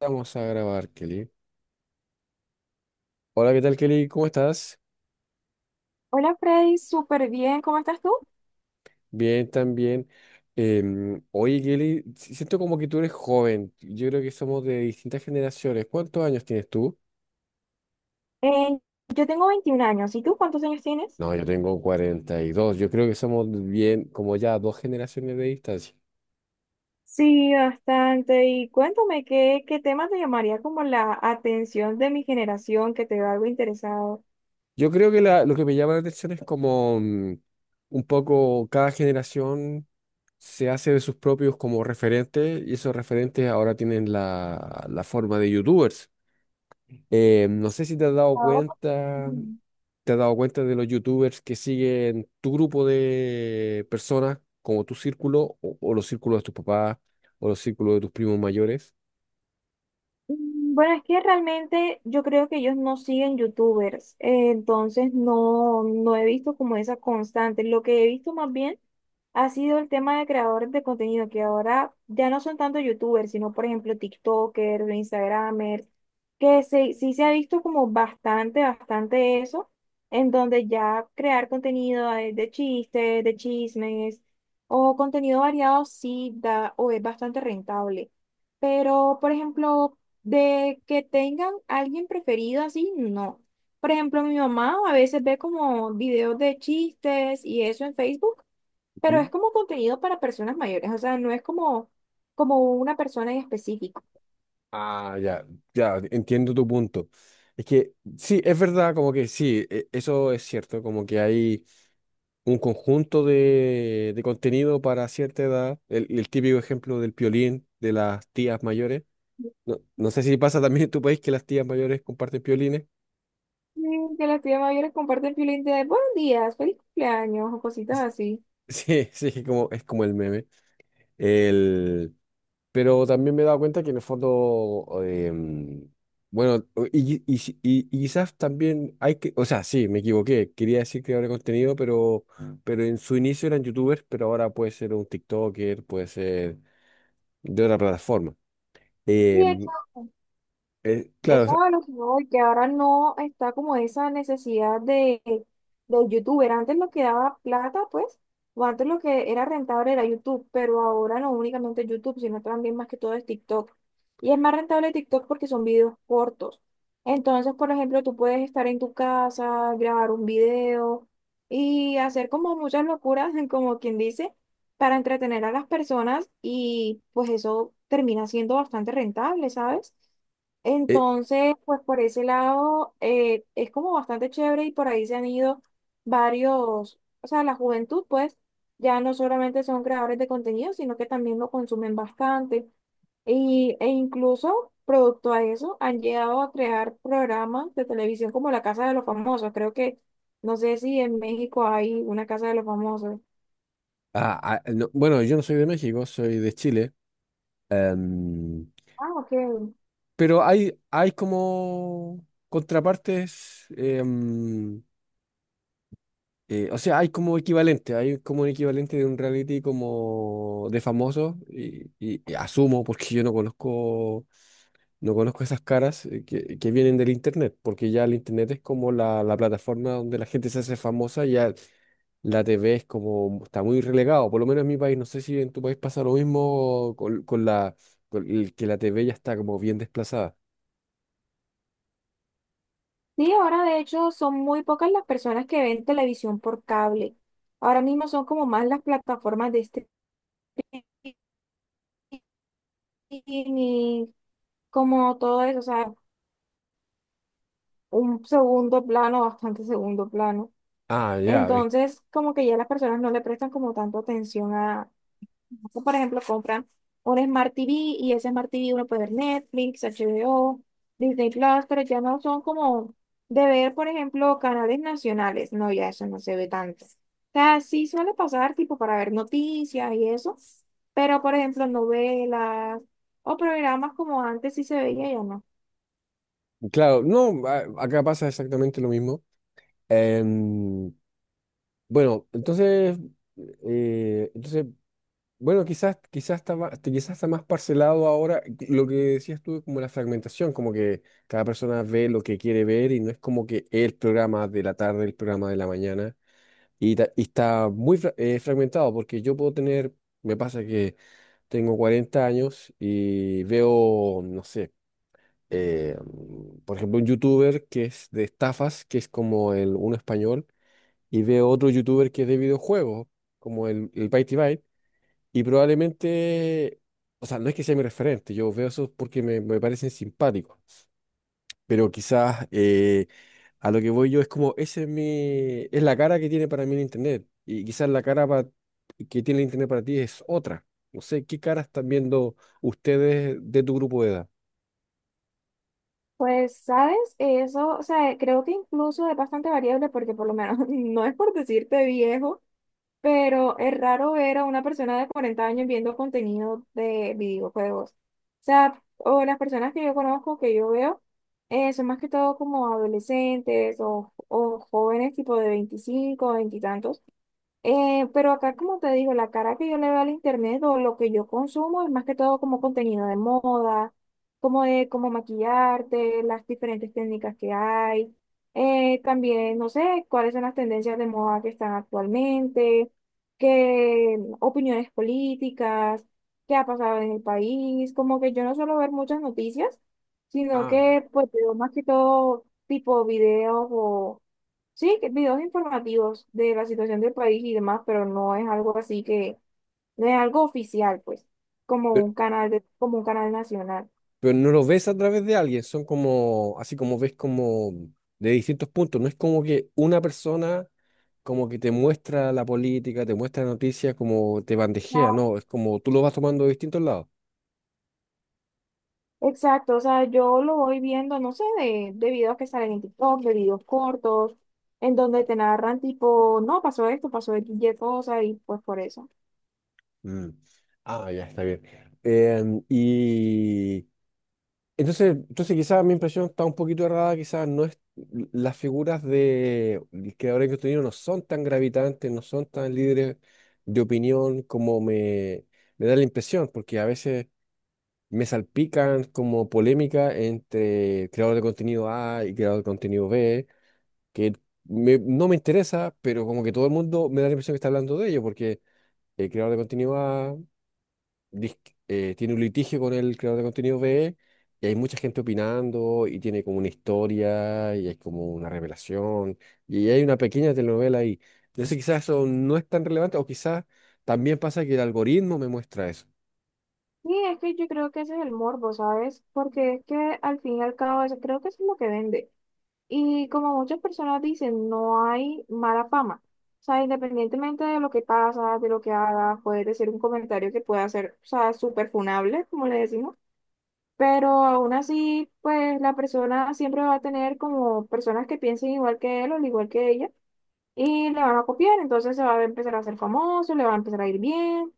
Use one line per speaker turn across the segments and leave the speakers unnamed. Vamos a grabar, Kelly. Hola, ¿qué tal, Kelly? ¿Cómo estás?
Hola Freddy, súper bien, ¿cómo estás tú?
Bien, también. Oye, Kelly, siento como que tú eres joven. Yo creo que somos de distintas generaciones. ¿Cuántos años tienes tú?
Eh, yo tengo 21 años, ¿y tú cuántos años tienes?
No, yo tengo 42. Yo creo que somos bien, como ya dos generaciones de distancia.
Sí, bastante. Y cuéntame, ¿qué tema te llamaría como la atención de mi generación que te veo algo interesado?
Yo creo que lo que me llama la atención es como un poco cada generación se hace de sus propios como referentes y esos referentes ahora tienen la forma de youtubers. No sé si te has dado
Ahora,
cuenta,
pues,
te has dado cuenta de los youtubers que siguen tu grupo de personas, como tu círculo, o los círculos de tus papás, o los círculos de tus primos mayores.
Bueno, es que realmente yo creo que ellos no siguen youtubers, entonces no he visto como esa constante. Lo que he visto más bien ha sido el tema de creadores de contenido, que ahora ya no son tanto youtubers, sino por ejemplo TikTokers, Instagramers, que se, sí se ha visto como bastante eso, en donde ya crear contenido de chistes, de chismes o contenido variado sí da o es bastante rentable. Pero, por ejemplo, de que tengan alguien preferido así, no. Por ejemplo, mi mamá a veces ve como videos de chistes y eso en Facebook, pero es
Ujú.
como contenido para personas mayores, o sea, no es como, como una persona en específico.
Ah, ya, ya, entiendo tu punto. Es que sí, es verdad, como que sí, eso es cierto, como que hay un conjunto de contenido para cierta edad, el típico ejemplo del piolín de las tías mayores. No, no sé si pasa también en tu país que las tías mayores comparten piolines.
Que las tías mayores comparten piolín de buenos días, feliz cumpleaños o cositas así.
Sí, sí, es como el meme. El, pero también me he dado cuenta que en el fondo, bueno, y quizás también hay que, o sea, sí, me equivoqué, quería decir creador de contenido, pero en su inicio eran youtubers, pero ahora puede ser un TikToker, puede ser de otra plataforma. Em,
Cierto.
claro, o
Eso
sea,
es a lo que voy, que ahora no está como esa necesidad de, del youtuber. Antes lo que daba plata, pues, o antes lo que era rentable era YouTube, pero ahora no únicamente YouTube, sino también más que todo es TikTok. Y es más rentable TikTok porque son videos cortos. Entonces, por ejemplo, tú puedes estar en tu casa, grabar un video y hacer como muchas locuras, como quien dice, para entretener a las personas y pues eso termina siendo bastante rentable, ¿sabes?
eh,
Entonces, pues por ese lado es como bastante chévere y por ahí se han ido varios, o sea, la juventud pues ya no solamente son creadores de contenido, sino que también lo consumen bastante y, e incluso producto a eso han llegado a crear programas de televisión como La Casa de los Famosos. Creo que, no sé si en México hay una Casa de los Famosos.
ah, ah, no, bueno, yo no soy de México, soy de Chile. em,
Ah, ok.
Pero hay como contrapartes, o sea, hay como equivalente, hay como un equivalente de un reality como de famosos, y asumo, porque yo no conozco, no conozco esas caras que vienen del internet, porque ya el internet es como la plataforma donde la gente se hace famosa, y ya la TV es como, está muy relegado, por lo menos en mi país, no sé si en tu país pasa lo mismo con la, con el que la TV ya está como bien desplazada.
Sí, ahora de hecho son muy pocas las personas que ven televisión por cable. Ahora mismo son como más las plataformas de streaming como todo eso, o sea, un segundo plano, bastante segundo plano.
Ah, ya.
Entonces, como que ya las personas no le prestan como tanto atención. Acá, por ejemplo, compran un Smart TV y ese Smart TV uno puede ver Netflix, HBO, Disney Plus, pero ya no son como de ver, por ejemplo, canales nacionales. No, ya eso no se ve tanto. O sea, sí suele pasar tipo para ver noticias y eso, pero por ejemplo, novelas o programas como antes sí se veía, ya no.
Claro, no, acá pasa exactamente lo mismo. Em, bueno, entonces, entonces, bueno, quizás, quizás está más, este, quizás está más parcelado ahora. Lo que decías tú, como la fragmentación, como que cada persona ve lo que quiere ver y no es como que el programa de la tarde, el programa de la mañana. Y está muy fragmentado porque yo puedo tener, me pasa que tengo 40 años y veo, no sé por ejemplo, un youtuber que es de estafas, que es como el uno español, y veo otro youtuber que es de videojuegos, como el Byte y Byte, y probablemente, o sea, no es que sea mi referente, yo veo eso porque me parecen simpáticos, pero quizás a lo que voy yo es como, ese es mi, es la cara que tiene para mí el internet, y quizás la cara que tiene el internet para ti es otra. No sé, ¿qué cara están viendo ustedes de tu grupo de edad?
Pues, ¿sabes? Eso, o sea, creo que incluso es bastante variable porque por lo menos no es por decirte viejo pero es raro ver a una persona de 40 años viendo contenido de videojuegos. O sea, o las personas que yo conozco, que yo veo, son más que todo como adolescentes o jóvenes tipo de 25, veintitantos. Pero acá, como te digo, la cara que yo le veo al internet o lo que yo consumo es más que todo como contenido de moda, como de cómo maquillarte, las diferentes técnicas que hay. También, no sé, cuáles son las tendencias de moda que están actualmente, qué opiniones políticas, qué ha pasado en el país. Como que yo no suelo ver muchas noticias, sino
Ah.
que pues veo más que todo tipo videos o sí, videos informativos de la situación del país y demás, pero no es algo así que, no es algo oficial, pues, como un canal de, como un canal nacional.
Pero no lo ves a través de alguien, son como, así como ves como de distintos puntos, no es como que una persona como que te muestra la política, te muestra la noticia, como te bandejea,
Ah.
no, es como tú lo vas tomando de distintos lados.
Exacto, o sea, yo lo voy viendo, no sé, de videos que salen en TikTok, de videos cortos, en donde te narran tipo, no, pasó esto, pasó y cosa, y pues por eso.
Mm. Ah, ya está bien. Y entonces, entonces quizás mi impresión está un poquito errada, quizás no es, las figuras de del creador de contenido no son tan gravitantes, no son tan líderes de opinión como me da la impresión, porque a veces me salpican como polémica entre creador de contenido A y creador de contenido B, que no me interesa, pero como que todo el mundo me da la impresión que está hablando de ello, porque el creador de contenido A dis- tiene un litigio con el creador de contenido B y hay mucha gente opinando y tiene como una historia y hay como una revelación y hay una pequeña telenovela ahí. Entonces quizás eso no es tan relevante o quizás también pasa que el algoritmo me muestra eso.
Sí, es que yo creo que ese es el morbo, ¿sabes? Porque es que al fin y al cabo, eso, creo que eso es lo que vende. Y como muchas personas dicen, no hay mala fama. O sea, independientemente de lo que pasa, de lo que haga, puede ser un comentario que pueda ser, o sea, súper funable, como le decimos. Pero aún así, pues la persona siempre va a tener como personas que piensen igual que él o al igual que ella y le van a copiar, entonces se va a empezar a hacer famoso, le va a empezar a ir bien,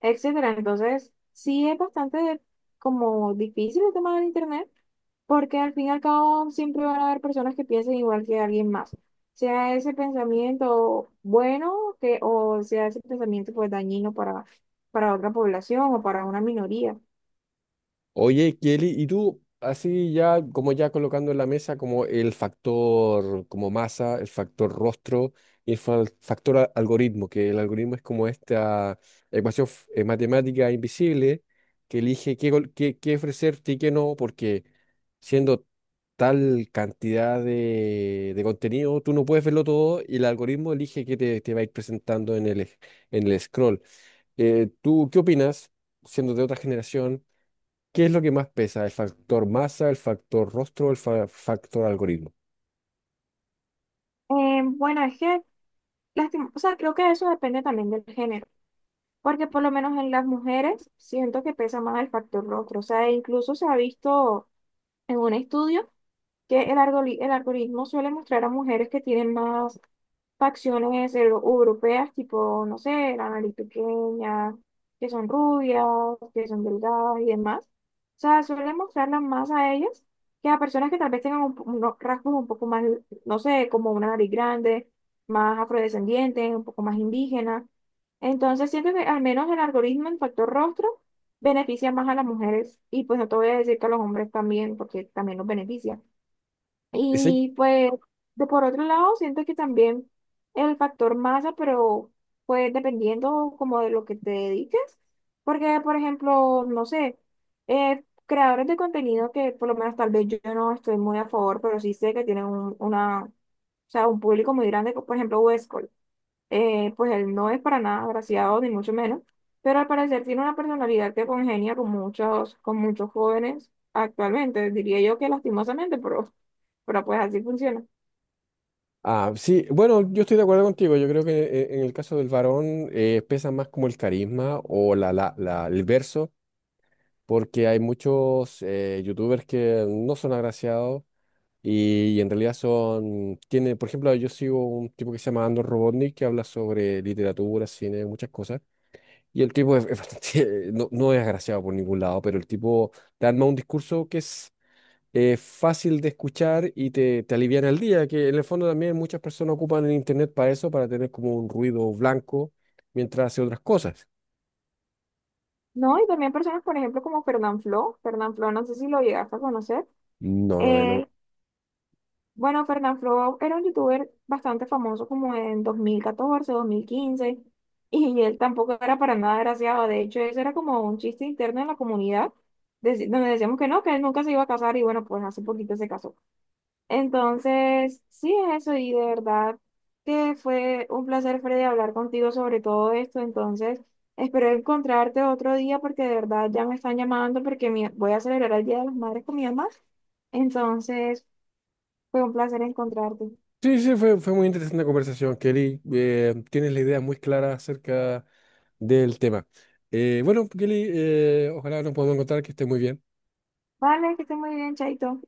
etcétera. Entonces, sí es bastante como difícil el tema del internet, porque al fin y al cabo siempre van a haber personas que piensen igual que alguien más. Sea ese pensamiento bueno que, o sea ese pensamiento pues dañino para otra población o para una minoría.
Oye, Kelly, y tú, así ya, como ya colocando en la mesa como el factor como masa, el factor rostro y el algoritmo, que el algoritmo es como esta ecuación matemática invisible que elige qué ofrecerte y qué no, porque siendo tal cantidad de contenido, tú no puedes verlo todo y el algoritmo elige qué te va a ir presentando en en el scroll. ¿Tú qué opinas, siendo de otra generación? ¿Qué es lo que más pesa? ¿El factor masa, el factor rostro o el factor algoritmo?
Bueno, es que, o sea, creo que eso depende también del género. Porque por lo menos en las mujeres siento que pesa más el factor rostro. O sea, incluso se ha visto en un estudio que el, el algoritmo suele mostrar a mujeres que tienen más facciones europeas, tipo, no sé, la nariz pequeña, que son rubias, que son delgadas y demás. O sea, suele mostrarlas más a ellas que a personas que tal vez tengan un unos rasgos un poco más, no sé, como una nariz grande, más afrodescendiente, un poco más indígena. Entonces, siento que al menos el algoritmo en factor rostro beneficia más a las mujeres y pues no te voy a decir que a los hombres también, porque también los beneficia.
Ese-
Y pues, de por otro lado, siento que también el factor masa, pero pues dependiendo como de lo que te dediques, porque por ejemplo, no sé, creadores de contenido que por lo menos tal vez yo no estoy muy a favor, pero sí sé que tienen un, una, o sea, un público muy grande, como por ejemplo, Westcol. Pues él no es para nada agraciado, ni mucho menos, pero al parecer tiene una personalidad que congenia con muchos jóvenes actualmente, diría yo que lastimosamente, pero pues así funciona.
Ah, sí, bueno, yo estoy de acuerdo contigo. Yo creo que en el caso del varón pesa más como el carisma o el verso, porque hay muchos youtubers que no son agraciados y, en realidad son, tiene, por ejemplo, yo sigo un tipo que se llama Andor Robotnik que habla sobre literatura, cine, muchas cosas. Y el tipo es bastante, no, no es agraciado por ningún lado, pero el tipo te arma un discurso que es fácil de escuchar y te aliviana el día, que en el fondo también muchas personas ocupan el internet para eso, para tener como un ruido blanco mientras hace otras cosas.
No, y también personas, por ejemplo, como Fernanfloo, no sé si lo llegaste a conocer.
No, no, no.
Él, bueno, Fernanfloo era un youtuber bastante famoso como en 2014 2015 y él tampoco era para nada agraciado. De hecho, eso era como un chiste interno en la comunidad, donde decíamos que no, que él nunca se iba a casar, y bueno, pues hace poquito se casó. Entonces, sí es eso, y de verdad que fue un placer, Freddy, hablar contigo sobre todo esto. Entonces, espero encontrarte otro día porque de verdad ya me están llamando porque voy a celebrar el Día de las Madres con mi mamá. Entonces, fue un placer encontrarte.
Sí, sí, fue muy interesante la conversación, Kelly. Tienes la idea muy clara acerca del tema. Bueno, Kelly, ojalá nos podamos encontrar, que esté muy bien.
Vale, que esté muy bien, chaito.